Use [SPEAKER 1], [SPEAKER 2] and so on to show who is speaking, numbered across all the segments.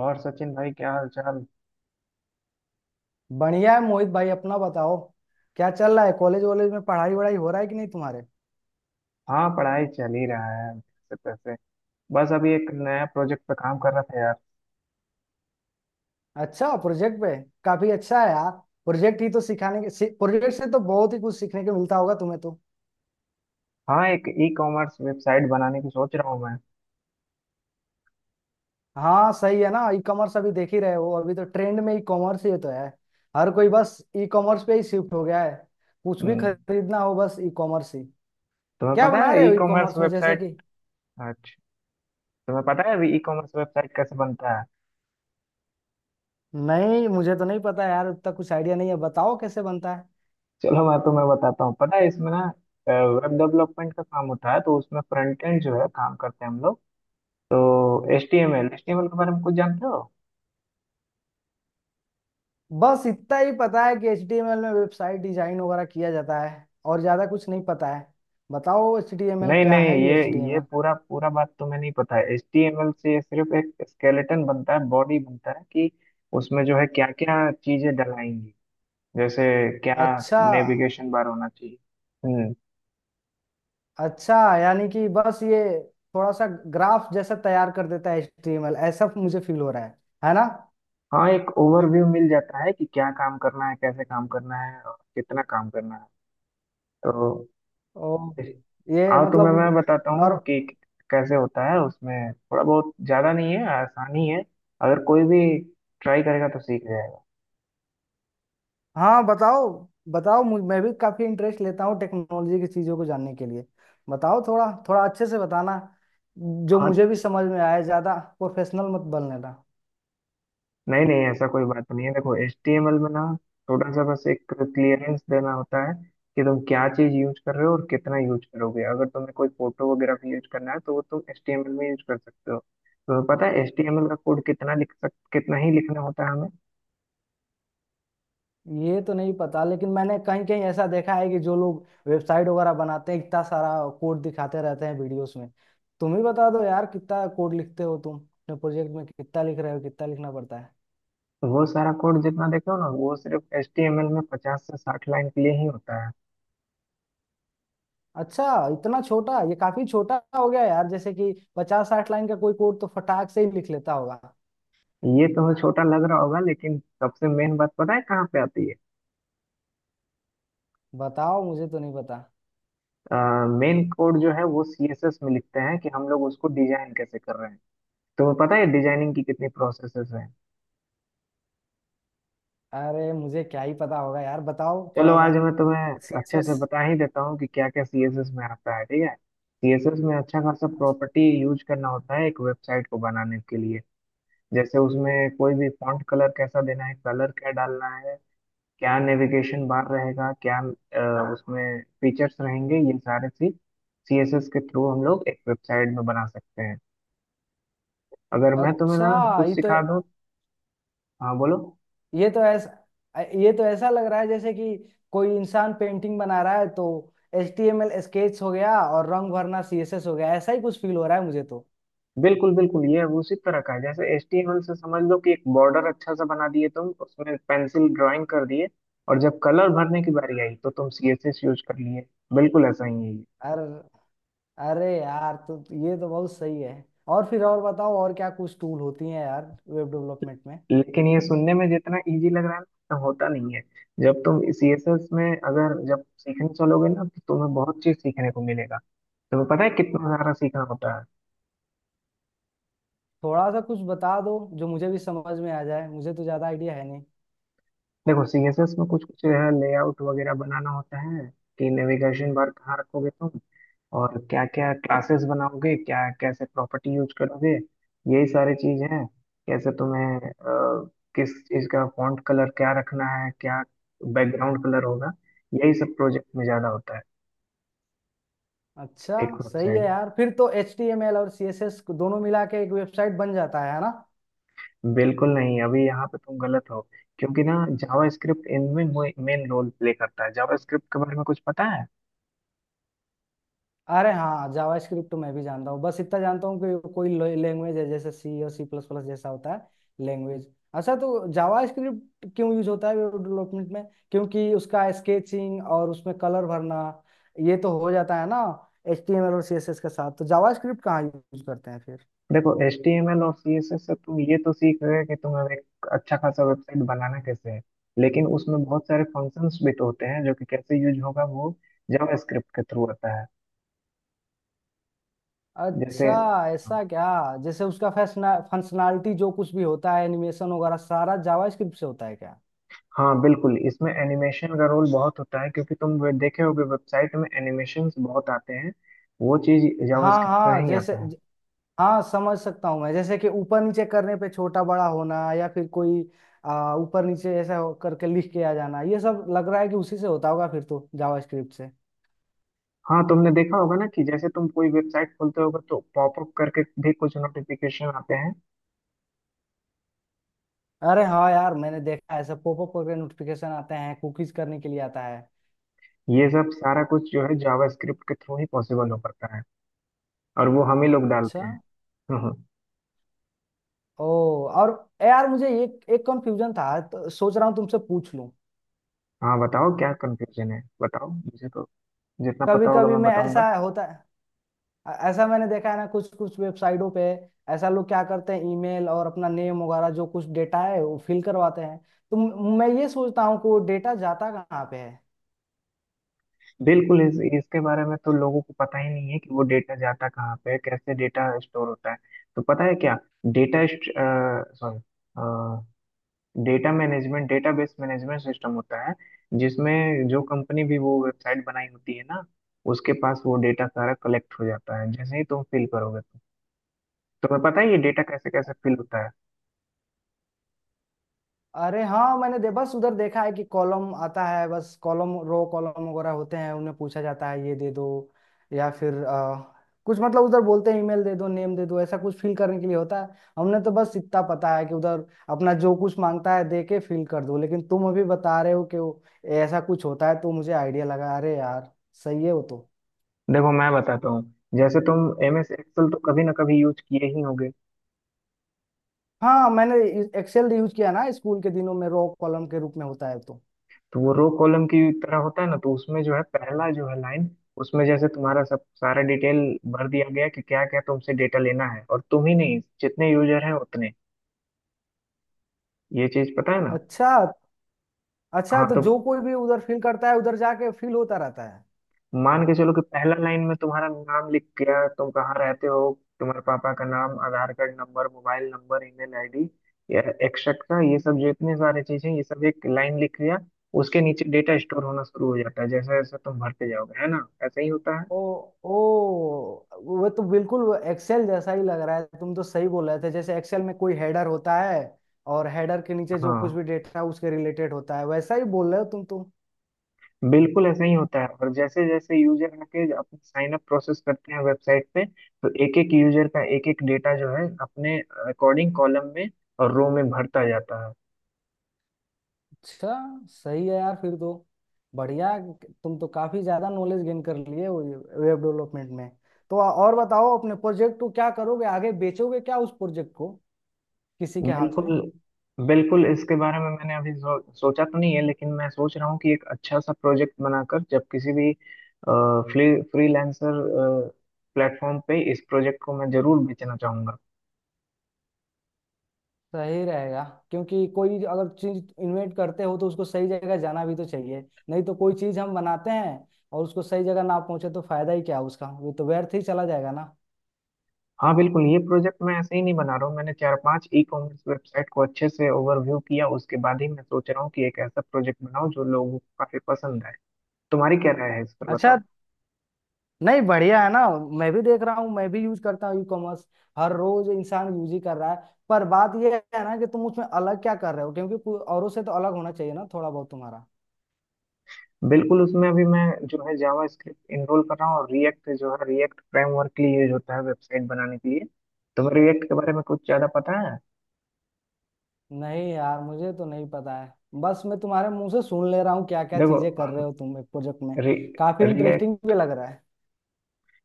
[SPEAKER 1] और सचिन भाई क्या हाल चाल?
[SPEAKER 2] बढ़िया है मोहित भाई अपना बताओ। क्या चल रहा है कॉलेज वॉलेज में पढ़ाई वढ़ाई हो रहा है कि नहीं तुम्हारे?
[SPEAKER 1] हाँ, पढ़ाई चल ही रहा है जैसे तैसे। बस अभी एक नया प्रोजेक्ट पे काम कर रहा था यार।
[SPEAKER 2] अच्छा प्रोजेक्ट पे। काफी अच्छा है यार। प्रोजेक्ट ही तो सिखाने के प्रोजेक्ट से तो बहुत ही कुछ सीखने को मिलता होगा तुम्हें तो।
[SPEAKER 1] हाँ, एक ई कॉमर्स वेबसाइट बनाने की सोच रहा हूँ मैं।
[SPEAKER 2] हाँ सही है ना, ई कॉमर्स अभी देख ही रहे हो, अभी तो ट्रेंड में ई कॉमर्स ही तो है। हर कोई बस ई कॉमर्स पे ही शिफ्ट हो गया है। कुछ भी
[SPEAKER 1] हम्म,
[SPEAKER 2] खरीदना हो बस ई कॉमर्स ही।
[SPEAKER 1] तुम्हें
[SPEAKER 2] क्या
[SPEAKER 1] पता
[SPEAKER 2] बना
[SPEAKER 1] है
[SPEAKER 2] रहे
[SPEAKER 1] ई
[SPEAKER 2] हो ई
[SPEAKER 1] कॉमर्स
[SPEAKER 2] कॉमर्स में, जैसे
[SPEAKER 1] वेबसाइट।
[SPEAKER 2] कि?
[SPEAKER 1] अच्छा, तुम्हें पता है अभी ई कॉमर्स वेबसाइट कैसे बनता है?
[SPEAKER 2] नहीं, मुझे तो नहीं पता यार, उतना कुछ आइडिया नहीं है, बताओ कैसे बनता है।
[SPEAKER 1] चलो मैं तुम्हें बताता हूँ, पता है इसमें ना, वेब डेवलपमेंट का काम होता है तो उसमें फ्रंट एंड जो है काम करते हैं हम लोग। तो एच टी एम एल के बारे में कुछ जानते हो?
[SPEAKER 2] बस इतना ही पता है कि HTML में वेबसाइट डिजाइन वगैरह किया जाता है और ज्यादा कुछ नहीं पता है। बताओ HTML
[SPEAKER 1] नहीं
[SPEAKER 2] क्या
[SPEAKER 1] नहीं,
[SPEAKER 2] है,
[SPEAKER 1] ये
[SPEAKER 2] ये
[SPEAKER 1] ये
[SPEAKER 2] HTML?
[SPEAKER 1] पूरा पूरा बात तो मैं नहीं पता है। HTML से ये सिर्फ एक स्केलेटन बनता है, बॉडी बनता है कि उसमें जो है क्या क्या चीजें डलाएंगी। जैसे क्या
[SPEAKER 2] अच्छा।
[SPEAKER 1] नेविगेशन बार होना चाहिए। हम्म।
[SPEAKER 2] अच्छा यानी कि बस ये थोड़ा सा ग्राफ जैसा तैयार कर देता है HTML, ऐसा मुझे फील हो रहा है ना?
[SPEAKER 1] हाँ, एक ओवरव्यू मिल जाता है कि क्या काम करना है, कैसे काम करना है और कितना काम करना है। तो
[SPEAKER 2] ओ,
[SPEAKER 1] इस-
[SPEAKER 2] ये
[SPEAKER 1] आओ
[SPEAKER 2] मतलब
[SPEAKER 1] तुम्हें मैं बताता हूँ
[SPEAKER 2] नॉर
[SPEAKER 1] कि कैसे होता है। उसमें थोड़ा बहुत ज्यादा नहीं है, आसानी है। अगर कोई भी ट्राई करेगा तो सीख जाएगा।
[SPEAKER 2] हाँ बताओ। बताओ मैं भी काफी इंटरेस्ट लेता हूँ टेक्नोलॉजी की चीजों को जानने के लिए। बताओ थोड़ा थोड़ा अच्छे से बताना, जो
[SPEAKER 1] हाँ,
[SPEAKER 2] मुझे भी समझ में आए, ज्यादा प्रोफेशनल मत बनने।
[SPEAKER 1] नहीं नहीं ऐसा कोई बात नहीं है। देखो HTML में ना थोड़ा सा बस एक क्लियरेंस देना होता है कि तुम क्या चीज यूज कर रहे हो और कितना यूज करोगे। अगर तुम्हें कोई फोटो वगैरह भी यूज करना है तो वो तुम HTML में यूज कर सकते हो। तुम्हें पता है HTML का कोड कितना लिख सक कितना ही लिखना होता है हमें?
[SPEAKER 2] ये तो नहीं पता, लेकिन मैंने कहीं कहीं ऐसा देखा है कि जो लोग वेबसाइट वगैरह बनाते हैं इतना सारा कोड दिखाते रहते हैं वीडियोस में। तुम ही बता दो यार, कितना कोड लिखते हो तुम अपने प्रोजेक्ट में, कितना लिख रहे हो, कितना लिखना पड़ता है?
[SPEAKER 1] तो वो सारा कोड जितना देखो ना वो सिर्फ HTML में 50 से 60 लाइन के लिए ही होता है।
[SPEAKER 2] अच्छा। इतना छोटा, ये काफी छोटा हो गया यार, जैसे कि पचास साठ लाइन का कोई कोड तो फटाक से ही लिख लेता होगा।
[SPEAKER 1] ये तुम्हें छोटा लग रहा होगा, लेकिन सबसे मेन बात पता है कहाँ पे आती है?
[SPEAKER 2] बताओ, मुझे तो नहीं पता।
[SPEAKER 1] मेन कोड जो है वो CSS में लिखते हैं कि हम लोग उसको डिजाइन कैसे कर रहे हैं। तो पता है डिजाइनिंग की कितनी प्रोसेसेस हैं?
[SPEAKER 2] अरे मुझे क्या ही पता होगा यार, बताओ
[SPEAKER 1] चलो
[SPEAKER 2] थोड़ा सा।
[SPEAKER 1] आज मैं तुम्हें अच्छे से
[SPEAKER 2] सीएसएस।
[SPEAKER 1] बता ही देता हूँ कि क्या क्या सीएसएस में आता है। ठीक है, सीएसएस में अच्छा खासा प्रॉपर्टी यूज करना होता है एक वेबसाइट को बनाने के लिए। जैसे उसमें कोई भी फॉन्ट कलर कैसा देना है, कलर क्या डालना है, क्या नेविगेशन बार रहेगा, क्या उसमें फीचर्स रहेंगे, ये सारे चीज सीएसएस के थ्रू हम लोग एक वेबसाइट में बना सकते हैं। अगर मैं तुम्हें ना
[SPEAKER 2] अच्छा,
[SPEAKER 1] कुछ
[SPEAKER 2] ये तो
[SPEAKER 1] सिखा दूँ। हाँ बोलो।
[SPEAKER 2] ये तो ऐसा ये तो ऐसा लग रहा है जैसे कि कोई इंसान पेंटिंग बना रहा है, तो H T M L sketch हो गया और रंग भरना सी एस एस हो गया, ऐसा ही कुछ फील हो रहा है मुझे तो।
[SPEAKER 1] बिल्कुल बिल्कुल ये उसी तरह का है जैसे एचटीएमएल से समझ लो कि एक बॉर्डर अच्छा सा बना दिए तुम, उसमें पेंसिल ड्राइंग कर दिए और जब कलर भरने की बारी आई तो तुम सीएसएस यूज कर लिए। बिल्कुल ऐसा ही है ये।
[SPEAKER 2] अरे, अरे यार, तो ये तो बहुत सही है। और फिर और बताओ, और क्या कुछ टूल होती हैं यार वेब डेवलपमेंट में?
[SPEAKER 1] लेकिन ये सुनने में जितना इजी लग रहा है ना, उतना होता नहीं है। जब तुम सीएसएस में अगर जब सीखने चलोगे ना, तो तुम्हें बहुत चीज सीखने को मिलेगा। तुम्हें पता है कितना सारा सीखना होता है?
[SPEAKER 2] थोड़ा सा कुछ बता दो, जो मुझे भी समझ में आ जाए, मुझे तो ज़्यादा आइडिया है नहीं।
[SPEAKER 1] देखो सीएसएस में कुछ कुछ है, लेआउट वगैरह बनाना होता है कि नेविगेशन बार कहाँ रखोगे तुम और क्या क्या क्लासेस बनाओगे, क्या कैसे प्रॉपर्टी यूज करोगे। यही सारी चीज है, कैसे तुम्हें किस चीज का फॉन्ट कलर क्या रखना है, क्या बैकग्राउंड कलर होगा। यही सब प्रोजेक्ट में ज्यादा होता है।
[SPEAKER 2] अच्छा,
[SPEAKER 1] एक
[SPEAKER 2] सही है
[SPEAKER 1] वेबसाइट
[SPEAKER 2] यार, फिर तो एच टी एम एल और सी एस एस दोनों मिला के एक वेबसाइट बन जाता है ना?
[SPEAKER 1] में बिल्कुल नहीं, अभी यहाँ पे तुम गलत हो क्योंकि ना, जावा स्क्रिप्ट इनमें मेन रोल प्ले करता है। जावा स्क्रिप्ट के बारे में कुछ पता है?
[SPEAKER 2] अरे हाँ, जावास्क्रिप्ट तो मैं भी जानता हूँ, बस इतना जानता हूँ कि कोई लैंग्वेज है, जैसे सी और सी प्लस प्लस जैसा होता है लैंग्वेज। अच्छा, तो जावास्क्रिप्ट क्यों यूज होता है वेब डेवलपमेंट में? क्योंकि उसका स्केचिंग और उसमें कलर भरना ये तो हो जाता है ना एचटीएमएल और सीएसएस के साथ, तो जावास्क्रिप्ट कहाँ यूज करते हैं फिर?
[SPEAKER 1] देखो HTML और CSS से तुम ये तो सीख गए कि तुम्हें एक अच्छा खासा वेबसाइट बनाना कैसे है। लेकिन उसमें बहुत सारे फंक्शंस भी तो होते हैं जो कि कैसे यूज होगा, वो जावा स्क्रिप्ट के थ्रू होता है। जैसे।
[SPEAKER 2] अच्छा, ऐसा क्या? जैसे उसका फंक्शनैलिटी जो कुछ भी होता है, एनिमेशन वगैरह सारा जावास्क्रिप्ट से होता है क्या?
[SPEAKER 1] हाँ बिल्कुल, इसमें एनिमेशन का रोल बहुत होता है क्योंकि तुम देखे होगे वेबसाइट में एनिमेशंस बहुत आते हैं। वो चीज
[SPEAKER 2] हाँ
[SPEAKER 1] जावास्क्रिप्ट में
[SPEAKER 2] हाँ
[SPEAKER 1] ही
[SPEAKER 2] जैसे,
[SPEAKER 1] आता है।
[SPEAKER 2] हाँ समझ सकता हूँ मैं, जैसे कि ऊपर नीचे करने पे छोटा बड़ा होना या फिर कोई ऊपर नीचे ऐसा करके लिख के आ जाना, ये सब लग रहा है कि उसी से होता होगा फिर तो जावास्क्रिप्ट से।
[SPEAKER 1] हाँ, तुमने देखा होगा ना कि जैसे तुम कोई वेबसाइट खोलते होगे तो पॉपअप करके भी कुछ नोटिफिकेशन आते हैं।
[SPEAKER 2] अरे हाँ यार, मैंने देखा है ऐसा पॉपअप करके नोटिफिकेशन आते हैं, कुकीज करने के लिए आता है।
[SPEAKER 1] ये सब सारा कुछ जो है जावास्क्रिप्ट के थ्रू ही पॉसिबल हो पाता है, और वो हम ही लोग
[SPEAKER 2] अच्छा।
[SPEAKER 1] डालते हैं। हम्म, हम्म।
[SPEAKER 2] ओ, और यार मुझे एक एक कंफ्यूजन था, तो सोच रहा हूँ तुमसे पूछ लूँ।
[SPEAKER 1] हाँ बताओ, क्या कंफ्यूजन है? बताओ मुझे तो, जितना
[SPEAKER 2] कभी
[SPEAKER 1] पता होगा
[SPEAKER 2] कभी
[SPEAKER 1] मैं
[SPEAKER 2] मैं
[SPEAKER 1] बताऊंगा।
[SPEAKER 2] ऐसा होता ऐसा मैंने देखा है ना कुछ कुछ वेबसाइटों पे, ऐसा लोग क्या करते हैं, ईमेल और अपना नेम वगैरह जो कुछ डेटा है वो फिल करवाते हैं, तो मैं ये सोचता हूँ कि वो डेटा जाता कहाँ पे है।
[SPEAKER 1] बिल्कुल इसके बारे में तो लोगों को पता ही नहीं है कि वो डेटा जाता कहाँ पे है, कैसे डेटा स्टोर होता है। तो पता है क्या? Data sorry data management database management system होता है जिसमें जो कंपनी भी वो वेबसाइट बनाई होती है ना, उसके पास वो डेटा सारा कलेक्ट हो जाता है जैसे ही तुम फिल करोगे तो। तुम्हें पता है ये डेटा कैसे कैसे फिल होता है?
[SPEAKER 2] अरे हाँ, मैंने दे बस उधर देखा है कि कॉलम आता है, बस कॉलम रो कॉलम वगैरह होते हैं, उन्हें पूछा जाता है ये दे दो। या फिर कुछ मतलब उधर बोलते हैं ईमेल दे दो, नेम दे दो, ऐसा कुछ फिल करने के लिए होता है। हमने तो बस इतना पता है कि उधर अपना जो कुछ मांगता है दे के फिल कर दो, लेकिन तुम अभी बता रहे हो कि वो ऐसा कुछ होता है, तो मुझे आइडिया लगा, अरे यार, सही है वो तो।
[SPEAKER 1] देखो मैं बताता हूँ। जैसे तुम MS एक्सेल तो कभी ना कभी यूज किए ही होगे।
[SPEAKER 2] हाँ, मैंने एक्सेल यूज किया ना स्कूल के दिनों में, रो कॉलम के रूप में होता है तो।
[SPEAKER 1] तो वो रो कॉलम की तरह होता है ना, तो उसमें जो है पहला जो है लाइन, उसमें जैसे तुम्हारा सब सारा डिटेल भर दिया गया कि क्या क्या तुमसे डेटा लेना है। और तुम ही नहीं, जितने यूजर हैं उतने। ये चीज पता है ना?
[SPEAKER 2] अच्छा। अच्छा,
[SPEAKER 1] हाँ
[SPEAKER 2] तो
[SPEAKER 1] तो
[SPEAKER 2] जो कोई भी उधर फील करता है उधर जाके फील होता रहता है।
[SPEAKER 1] मान के चलो कि पहला लाइन में तुम्हारा नाम लिख गया, तुम कहाँ रहते हो, तुम्हारे पापा का नाम, Aadhaar card number, mobile number, email ID या एक्सेट्रा, ये सब जितने सारे चीजें ये सब एक लाइन लिख लिया। उसके नीचे डेटा स्टोर होना शुरू हो जाता है जैसे जैसे तुम भरते जाओगे, है ना, ऐसा ही होता है।
[SPEAKER 2] ओ, ओ, वो तो बिल्कुल एक्सेल जैसा ही लग रहा है, तुम तो सही बोल रहे थे, जैसे एक्सेल में कोई हेडर होता है और हेडर के नीचे जो कुछ
[SPEAKER 1] हाँ,
[SPEAKER 2] भी डेटा उसके रिलेटेड होता है वैसा ही बोल रहे हो तुम तो।
[SPEAKER 1] बिल्कुल ऐसा ही होता है, और जैसे जैसे यूजर आके अपने साइन अप प्रोसेस करते हैं वेबसाइट पे, तो एक एक यूजर का एक एक डेटा जो है अपने अकॉर्डिंग कॉलम में और रो में भरता जाता है।
[SPEAKER 2] अच्छा, सही है यार, फिर तो, बढ़िया, तुम तो काफी ज्यादा नॉलेज गेन कर लिए हो वेब डेवलपमेंट में। तो और बताओ अपने प्रोजेक्ट को, क्या करोगे आगे, बेचोगे क्या उस प्रोजेक्ट को किसी के हाथ में?
[SPEAKER 1] बिल्कुल, बिल्कुल इसके बारे में मैंने अभी सोचा तो नहीं है, लेकिन मैं सोच रहा हूँ कि एक अच्छा सा प्रोजेक्ट बनाकर जब किसी भी फ्री फ्रीलांसर प्लेटफॉर्म पे इस प्रोजेक्ट को मैं जरूर बेचना चाहूंगा।
[SPEAKER 2] सही रहेगा, क्योंकि कोई अगर चीज इन्वेंट करते हो तो उसको सही जगह जाना भी तो चाहिए, नहीं तो कोई चीज हम बनाते हैं और उसको सही जगह ना पहुंचे तो फायदा ही क्या उसका, वो तो व्यर्थ ही चला जाएगा ना।
[SPEAKER 1] हाँ बिल्कुल, ये प्रोजेक्ट मैं ऐसे ही नहीं बना रहा हूँ। मैंने चार पांच ई कॉमर्स वेबसाइट को अच्छे से ओवरव्यू किया, उसके बाद ही मैं सोच रहा हूँ कि एक ऐसा प्रोजेक्ट बनाऊं जो लोगों को काफी पसंद आए। तुम्हारी क्या राय है इस पर
[SPEAKER 2] अच्छा,
[SPEAKER 1] बताओ?
[SPEAKER 2] नहीं, बढ़िया है ना, मैं भी देख रहा हूँ, मैं भी यूज करता हूँ ई कॉमर्स, हर रोज इंसान यूज ही कर रहा है, पर बात यह है ना कि तुम उसमें अलग क्या कर रहे हो, क्योंकि कोई औरों से तो अलग होना चाहिए ना, थोड़ा बहुत तुम्हारा।
[SPEAKER 1] बिल्कुल, उसमें अभी मैं जो है जावा स्क्रिप्ट इनरोल कर रहा हूँ और रिएक्ट जो है, रिएक्ट फ्रेमवर्क के लिए यूज होता है वेबसाइट बनाने के लिए। तुम्हें रिएक्ट के बारे में कुछ ज्यादा पता है?
[SPEAKER 2] नहीं यार, मुझे तो नहीं पता है, बस मैं तुम्हारे मुंह से सुन ले रहा हूँ क्या क्या चीजें कर
[SPEAKER 1] देखो
[SPEAKER 2] रहे हो तुम एक प्रोजेक्ट में,
[SPEAKER 1] रि,
[SPEAKER 2] काफी इंटरेस्टिंग
[SPEAKER 1] रिएक्ट
[SPEAKER 2] भी लग रहा है।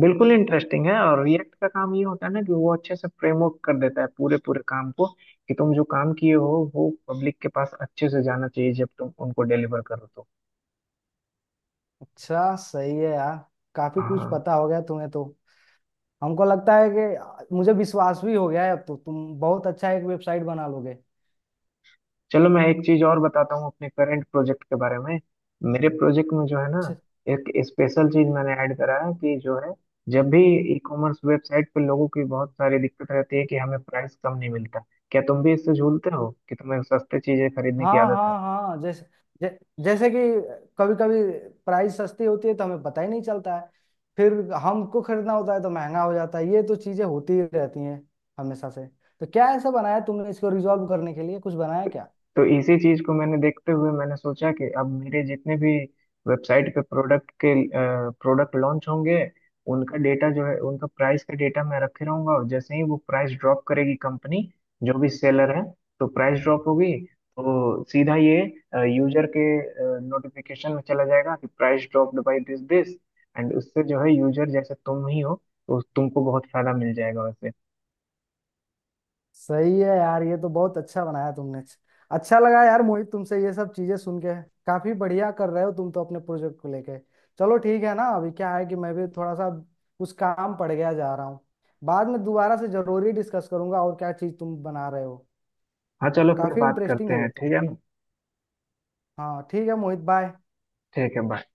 [SPEAKER 1] बिल्कुल इंटरेस्टिंग है, और रिएक्ट का काम ये होता है ना कि वो अच्छे से फ्रेमवर्क कर देता है पूरे पूरे काम को कि तुम जो काम किए हो वो पब्लिक के पास अच्छे से जाना चाहिए जब तुम उनको डिलीवर करो तो।
[SPEAKER 2] अच्छा, सही है यार, काफी कुछ
[SPEAKER 1] हाँ,
[SPEAKER 2] पता हो गया तुम्हें तो, हमको लगता है कि मुझे विश्वास भी हो गया है अब, तो तुम बहुत अच्छा एक वेबसाइट बना लोगे।
[SPEAKER 1] चलो मैं एक चीज और बताता हूँ अपने करंट प्रोजेक्ट के बारे में। मेरे प्रोजेक्ट में जो है ना,
[SPEAKER 2] अच्छा।
[SPEAKER 1] एक स्पेशल चीज मैंने ऐड करा है कि जो है, जब भी ई कॉमर्स वेबसाइट पे लोगों की बहुत सारी दिक्कत रहती है कि हमें प्राइस कम नहीं मिलता। क्या तुम भी इससे झूलते हो कि तुम्हें सस्ते चीजें खरीदने की
[SPEAKER 2] हाँ
[SPEAKER 1] आदत है?
[SPEAKER 2] हाँ हाँ, जैसे, जै, जैसे कि कभी कभी प्राइस सस्ती होती है तो हमें पता ही नहीं चलता है, फिर हमको खरीदना होता है तो महंगा हो जाता है, ये तो चीजें होती ही रहती हैं हमेशा से, तो क्या ऐसा बनाया तुमने, इसको रिजॉल्व करने के लिए कुछ बनाया क्या?
[SPEAKER 1] तो इसी चीज को मैंने देखते हुए मैंने सोचा कि अब मेरे जितने भी वेबसाइट पे प्रोडक्ट लॉन्च होंगे, उनका डेटा जो है, उनका प्राइस का डेटा मैं रखे रहूंगा। और जैसे ही वो प्राइस ड्रॉप करेगी कंपनी, जो भी सेलर है, तो प्राइस ड्रॉप होगी तो सीधा ये यूजर के नोटिफिकेशन में चला जाएगा कि price dropped by this this and उससे जो है यूजर जैसे तुम ही हो तो तुमको बहुत फायदा मिल जाएगा वैसे।
[SPEAKER 2] सही है यार, ये तो बहुत अच्छा बनाया तुमने। अच्छा लगा यार मोहित, तुमसे ये सब चीजें सुन के, काफी बढ़िया कर रहे हो तुम तो अपने प्रोजेक्ट को लेके। चलो ठीक है ना, अभी क्या है कि मैं भी थोड़ा सा कुछ काम पड़ गया, जा रहा हूँ, बाद में दोबारा से जरूरी डिस्कस करूंगा और क्या चीज तुम बना रहे हो।
[SPEAKER 1] हाँ, चलो फिर
[SPEAKER 2] काफी
[SPEAKER 1] बात
[SPEAKER 2] इंटरेस्टिंग
[SPEAKER 1] करते
[SPEAKER 2] है
[SPEAKER 1] हैं,
[SPEAKER 2] ये तो।
[SPEAKER 1] ठीक है ना।
[SPEAKER 2] हाँ ठीक है मोहित, बाय।
[SPEAKER 1] ठीक है, बाय।